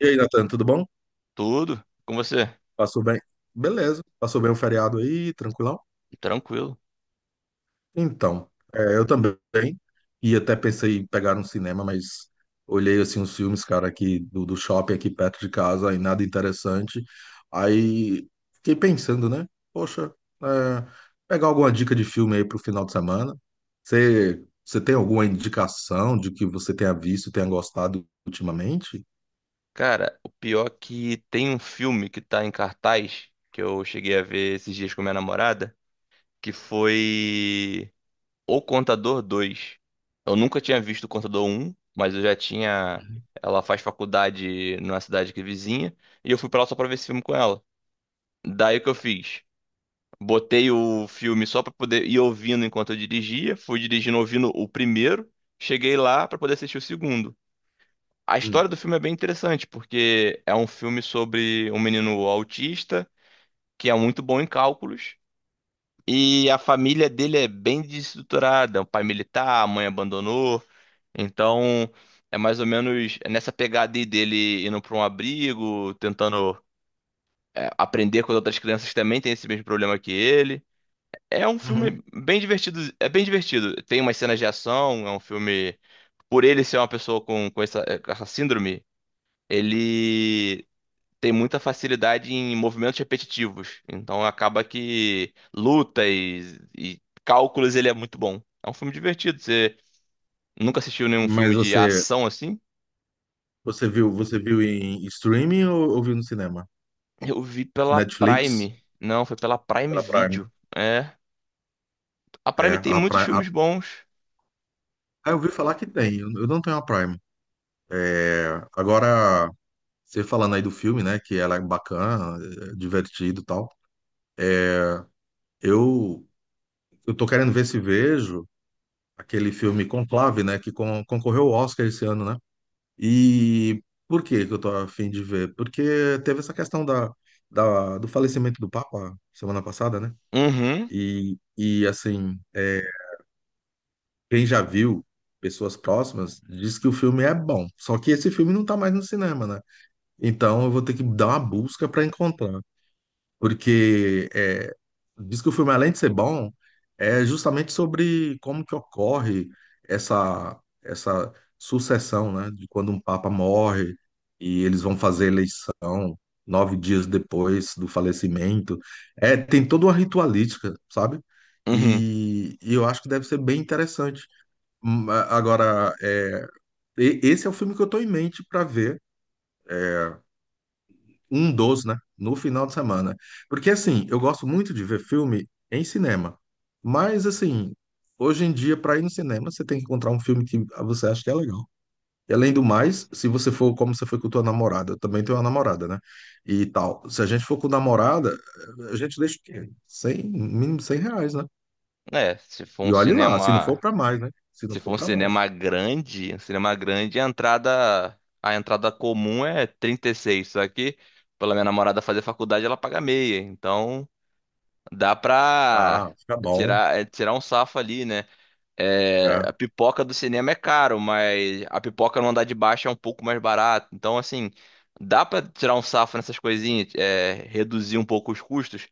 E aí, Natan, tudo bom? Tudo? Com você? Passou bem? Beleza, passou bem o feriado aí, tranquilão? Tranquilo. Então, eu também, e até pensei em pegar um cinema, mas olhei, assim, os filmes, cara, aqui do shopping aqui perto de casa, e nada interessante, aí fiquei pensando, né? Poxa, é, pegar alguma dica de filme aí pro final de semana, você tem alguma indicação de que você tenha visto, tenha gostado ultimamente? Cara, o pior é que tem um filme que tá em cartaz que eu cheguei a ver esses dias com minha namorada, que foi O Contador 2. Eu nunca tinha visto O Contador 1, mas eu já tinha. Ela faz faculdade numa cidade que é vizinha, e eu fui pra lá só pra ver esse filme com ela. Daí o que eu fiz? Botei o filme só pra poder ir ouvindo enquanto eu dirigia, fui dirigindo ouvindo o primeiro, cheguei lá pra poder assistir o segundo. A Hum. história do filme é bem interessante, porque é um filme sobre um menino autista que é muito bom em cálculos, e a família dele é bem desestruturada, o pai militar, a mãe abandonou, então é mais ou menos nessa pegada aí, dele indo para um abrigo, tentando aprender com as outras crianças que também tem esse mesmo problema que ele. É um Uhum. filme bem divertido, é bem divertido. Tem umas cenas de ação. É um filme, por ele ser uma pessoa com essa síndrome, ele tem muita facilidade em movimentos repetitivos. Então acaba que lutas e cálculos ele é muito bom. É um filme divertido. Você nunca assistiu nenhum filme Mas de você ação assim? Você viu em streaming ou viu no cinema? Eu vi pela Netflix? Prime. Não, foi pela Prime Pela Prime. Video. É. A É, Prime tem a muitos Prime. Filmes bons. Ah, eu ouvi falar que tem. Eu não tenho a Prime. É, agora, você falando aí do filme, né? Que ela é bacana, é divertido e tal. é, Eu, eu tô querendo ver se vejo aquele filme Conclave, né? Que concorreu ao Oscar esse ano, né? E por que que eu tô a fim de ver? Porque teve essa questão do falecimento do Papa semana passada, né? Uhum, E assim. Quem já viu, pessoas próximas, diz que o filme é bom. Só que esse filme não tá mais no cinema, né? Então eu vou ter que dar uma busca para encontrar. Porque é, diz que o filme, além de ser bom, é justamente sobre como que ocorre essa, essa sucessão, né? De quando um papa morre e eles vão fazer eleição 9 dias depois do falecimento. É, tem toda uma ritualística, sabe? uhum. E eu acho que deve ser bem interessante. Agora, esse é o filme que eu tô em mente para ver, um dos, né, no final de semana. Porque, assim, eu gosto muito de ver filme em cinema. Mas, assim, hoje em dia, para ir no cinema, você tem que encontrar um filme que você acha que é legal. E, além do mais, se você for como você foi com tua namorada, eu também tenho uma namorada, né? E tal. Se a gente for com namorada, a gente deixa o quê? 100, mínimo R$ 100, né? É, se for um E olhe lá, se não for cinema, para mais, né? Se não for para mais. Um cinema grande, a entrada comum é 36, só que, pela minha namorada fazer faculdade, ela paga meia. Então, dá pra Ah, fica bom. Tirar um safo ali, né? É, a É, pipoca do cinema é caro, mas a pipoca no andar de baixo é um pouco mais barato. Então, assim, dá pra tirar um safo nessas reduzir um pouco os custos.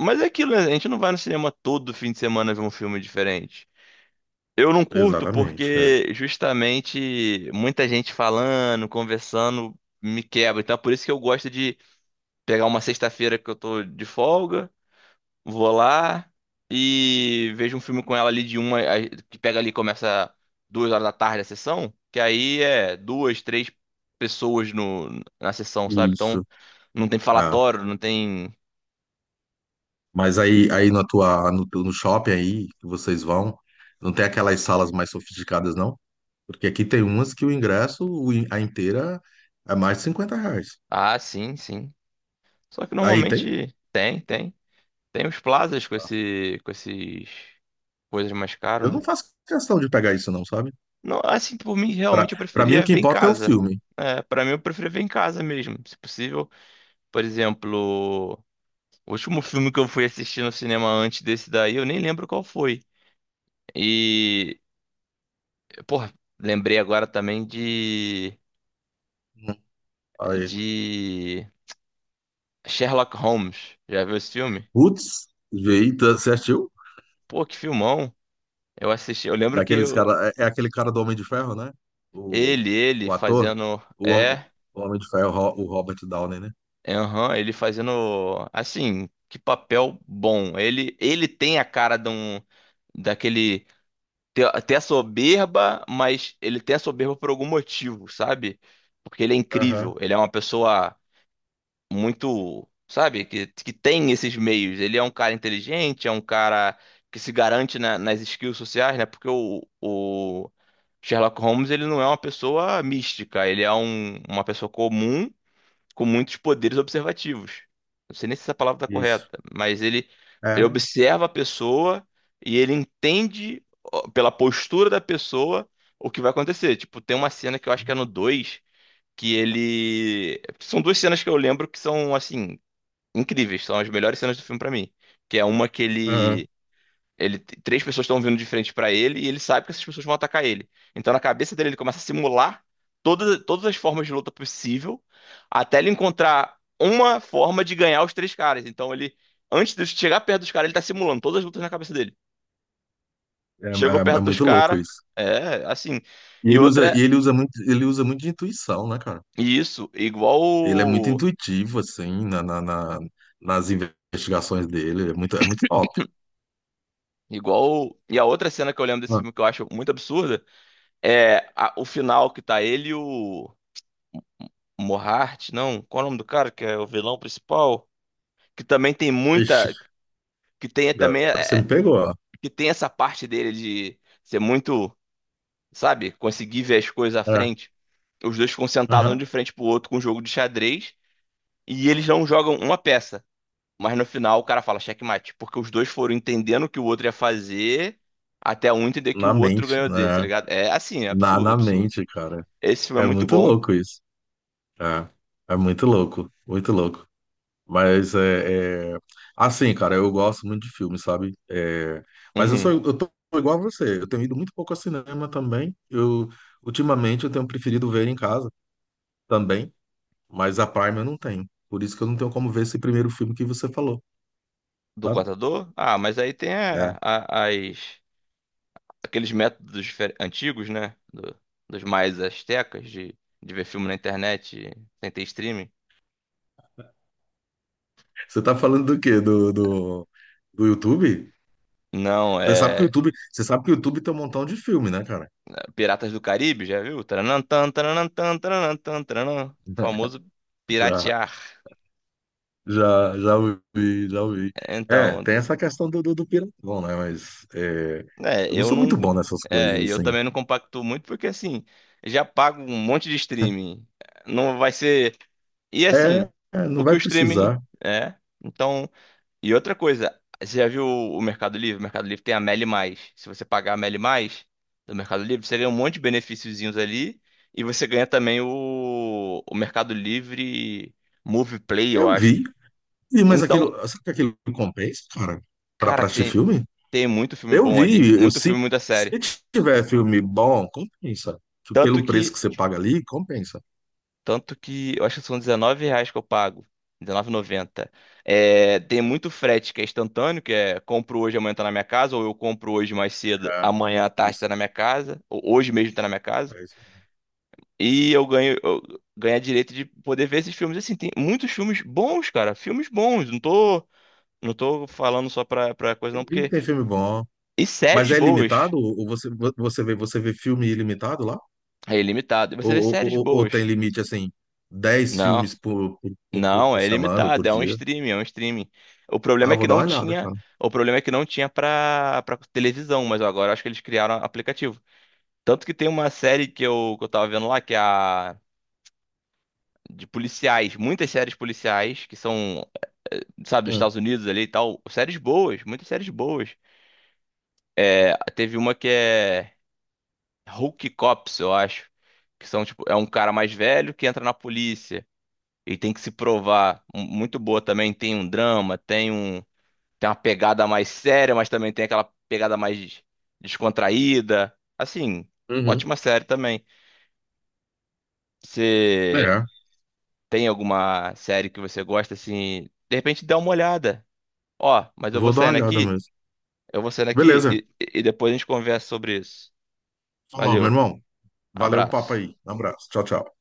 Mas é aquilo, né? A gente não vai no cinema todo fim de semana ver um filme diferente. Eu não curto exatamente. Porque justamente muita gente falando, conversando, me quebra. Então, é por isso que eu gosto de pegar uma sexta-feira que eu tô de folga. Vou lá e vejo um filme com ela ali, que pega ali, e começa 2 horas da tarde a sessão, que aí é duas, três pessoas no, na sessão, sabe? Então Isso. não tem Ah, falatório, não tem. mas aí na tua, no, teu- no shopping aí que vocês vão, não tem aquelas salas mais sofisticadas, não? Porque aqui tem umas que o ingresso, a inteira, é mais de 50 reais. Ah, sim, sim. Só que Aí tem? normalmente tem, tem. Tem os plazas com esses coisas mais caras, Eu não né? faço questão de pegar isso, não, sabe? Não, assim, por mim, Pra, realmente eu pra mim, o preferia que ver em importa é o casa. filme. É, para mim, eu preferia ver em casa mesmo, se possível. Por exemplo, o último filme que eu fui assistir no cinema antes desse daí, eu nem lembro qual foi. E, porra, lembrei agora também de Hum, Aí. de Sherlock Holmes. Já viu esse filme? Putz, eita, você assistiu? Pô, que filmão. Eu assisti, eu lembro Daqueles cara, é aquele cara do Homem de Ferro, né? O, ele o ator, fazendo o, hom- o Homem de Ferro, o Robert Downey, né? Aham, ele fazendo assim, que papel bom. Ele tem a cara de um, daquele ter a soberba, mas ele tem a soberba por algum motivo, sabe? Porque ele é Aham, incrível, ele é uma pessoa muito, sabe, que tem esses meios. Ele é um cara inteligente, é um cara que se garante nas skills sociais, né? Porque o Sherlock Holmes, ele não é uma pessoa mística, ele é uma pessoa comum com muitos poderes observativos. Não sei nem se essa palavra está isso. correta, mas ele É. observa a pessoa e ele entende, ó, pela postura da pessoa, o que vai acontecer. Tipo, tem uma cena que eu acho que é no dois, que ele. São duas cenas que eu lembro que são, assim, incríveis, são as melhores cenas do filme pra mim. Que é uma que Aham. Três pessoas estão vindo de frente pra ele, e ele sabe que essas pessoas vão atacar ele. Então, na cabeça dele, ele começa a simular todas as formas de luta possível, até ele encontrar uma forma de ganhar os três caras. Então, ele, antes de chegar perto dos caras, ele tá simulando todas as lutas na cabeça dele. É, é- Chegou é perto dos muito louco caras, isso. é, assim. E outra é, Ele usa muito de intuição, né, cara? e isso, igual. Ele é muito intuitivo, assim, nas investigações dele. É muito top. Igual. E a outra cena que eu lembro desse Ah, filme, que eu acho muito absurda, é o final, que tá ele e o. Mohart, não, qual é o nome do cara que é o vilão principal? Que também tem Ixi, muita, que tem agora também, você me é, pegou, ó. que tem essa parte dele de ser muito, sabe, conseguir ver as coisas à É, frente. Os dois ficam sentados um aham. de frente pro outro com um jogo de xadrez, e eles não jogam uma peça. Mas, no final, o cara fala checkmate, porque os dois foram entendendo o que o outro ia fazer, até um entender que Na o outro mente, ganhou dele, tá né? ligado? É assim, é Na, absurdo, na absurdo. mente, cara. Esse filme é É muito muito bom. louco isso. É, é muito louco, muito louco. Mas assim, cara, eu gosto muito de filme, sabe? É, mas eu sou Uhum. eu tô igual a você. Eu tenho ido muito pouco ao cinema também. Eu ultimamente eu tenho preferido ver em casa também, mas a Prime eu não tenho. Por isso que eu não tenho como ver esse primeiro filme que você falou, Do sabe? contador? Ah, mas aí tem É. As, aqueles métodos antigos, né? Dos mais astecas de, ver filme na internet sem ter streaming. Você tá falando do quê? Do YouTube? Não, Você sabe que o é YouTube, você sabe que o YouTube tem um montão de filme, né, cara? Piratas do Caribe, já viu? Taranantã, taranantã, taranantã, taranã. Famoso piratear. Já ouvi. É, Então, tem essa questão do piratão, né? Mas é, é, eu não eu sou não. muito bom nessas coisas, É, e eu assim. também não compacto muito porque, assim, já pago um monte de streaming. Não vai ser. E É, assim, é, o não que vai o streaming precisar. é. Então. E outra coisa, você já viu o Mercado Livre? O Mercado Livre tem a Meli Mais. Se você pagar a Meli Mais do Mercado Livre, você ganha um monte de benefíciozinhos ali. E você ganha também o Mercado Livre Movie Play, eu Eu acho. vi. E, mas Então, aquilo, sabe que aquilo compensa, cara, pra, cara, pra assistir tem, filme? tem muito filme Eu bom ali. vi. Eu, Muito se, filme, muita se série. tiver filme bom, compensa. Tipo, Tanto pelo preço que que você paga ali, compensa. Tanto que eu acho que são R$19 que eu pago. R$19,90. É, tem muito frete que é instantâneo, que é: compro hoje, amanhã tá na minha casa; ou eu compro hoje mais cedo, É, amanhã à tarde isso. tá na minha casa; ou hoje mesmo tá na minha casa. É isso. E eu ganho a direito de poder ver esses filmes. Assim, tem muitos filmes bons, cara. Filmes bons. Não tô falando só pra coisa, Eu não, vi que porque. tem filme bom. E Mas séries é boas. limitado? Ou você vê filme ilimitado lá? É ilimitado. E você Ou, vê ou, séries ou- ou boas. tem limite, assim, 10 Não. filmes por, por, por, Não, por é semana ou por limitado, dia? É um streaming. O problema Ah, é que vou dar não uma olhada, tinha, cara. o problema é que não tinha pra para televisão, mas agora acho que eles criaram aplicativo. Tanto que tem uma série que eu tava vendo lá, que é a de policiais, muitas séries policiais que são, eh, eh, sabe, dos Hum, Estados Unidos ali e tal, séries boas, muitas séries boas. Ah, teve uma que é Hulk Cops, eu acho, que são tipo, é um cara mais velho que entra na polícia. E tem que se provar. Muito boa também. Tem um drama, tem um. Tem uma pegada mais séria, mas também tem aquela pegada mais descontraída. Assim, uhum. ótima série também. Você É, tem alguma série que você gosta, assim, de repente dá uma olhada. Ó, mas eu vou vou dar uma saindo olhada aqui, mesmo. Beleza. e, e depois a gente conversa sobre isso. Falou, meu Valeu, irmão. Valeu o papo abraço. aí. Um abraço. Tchau, tchau.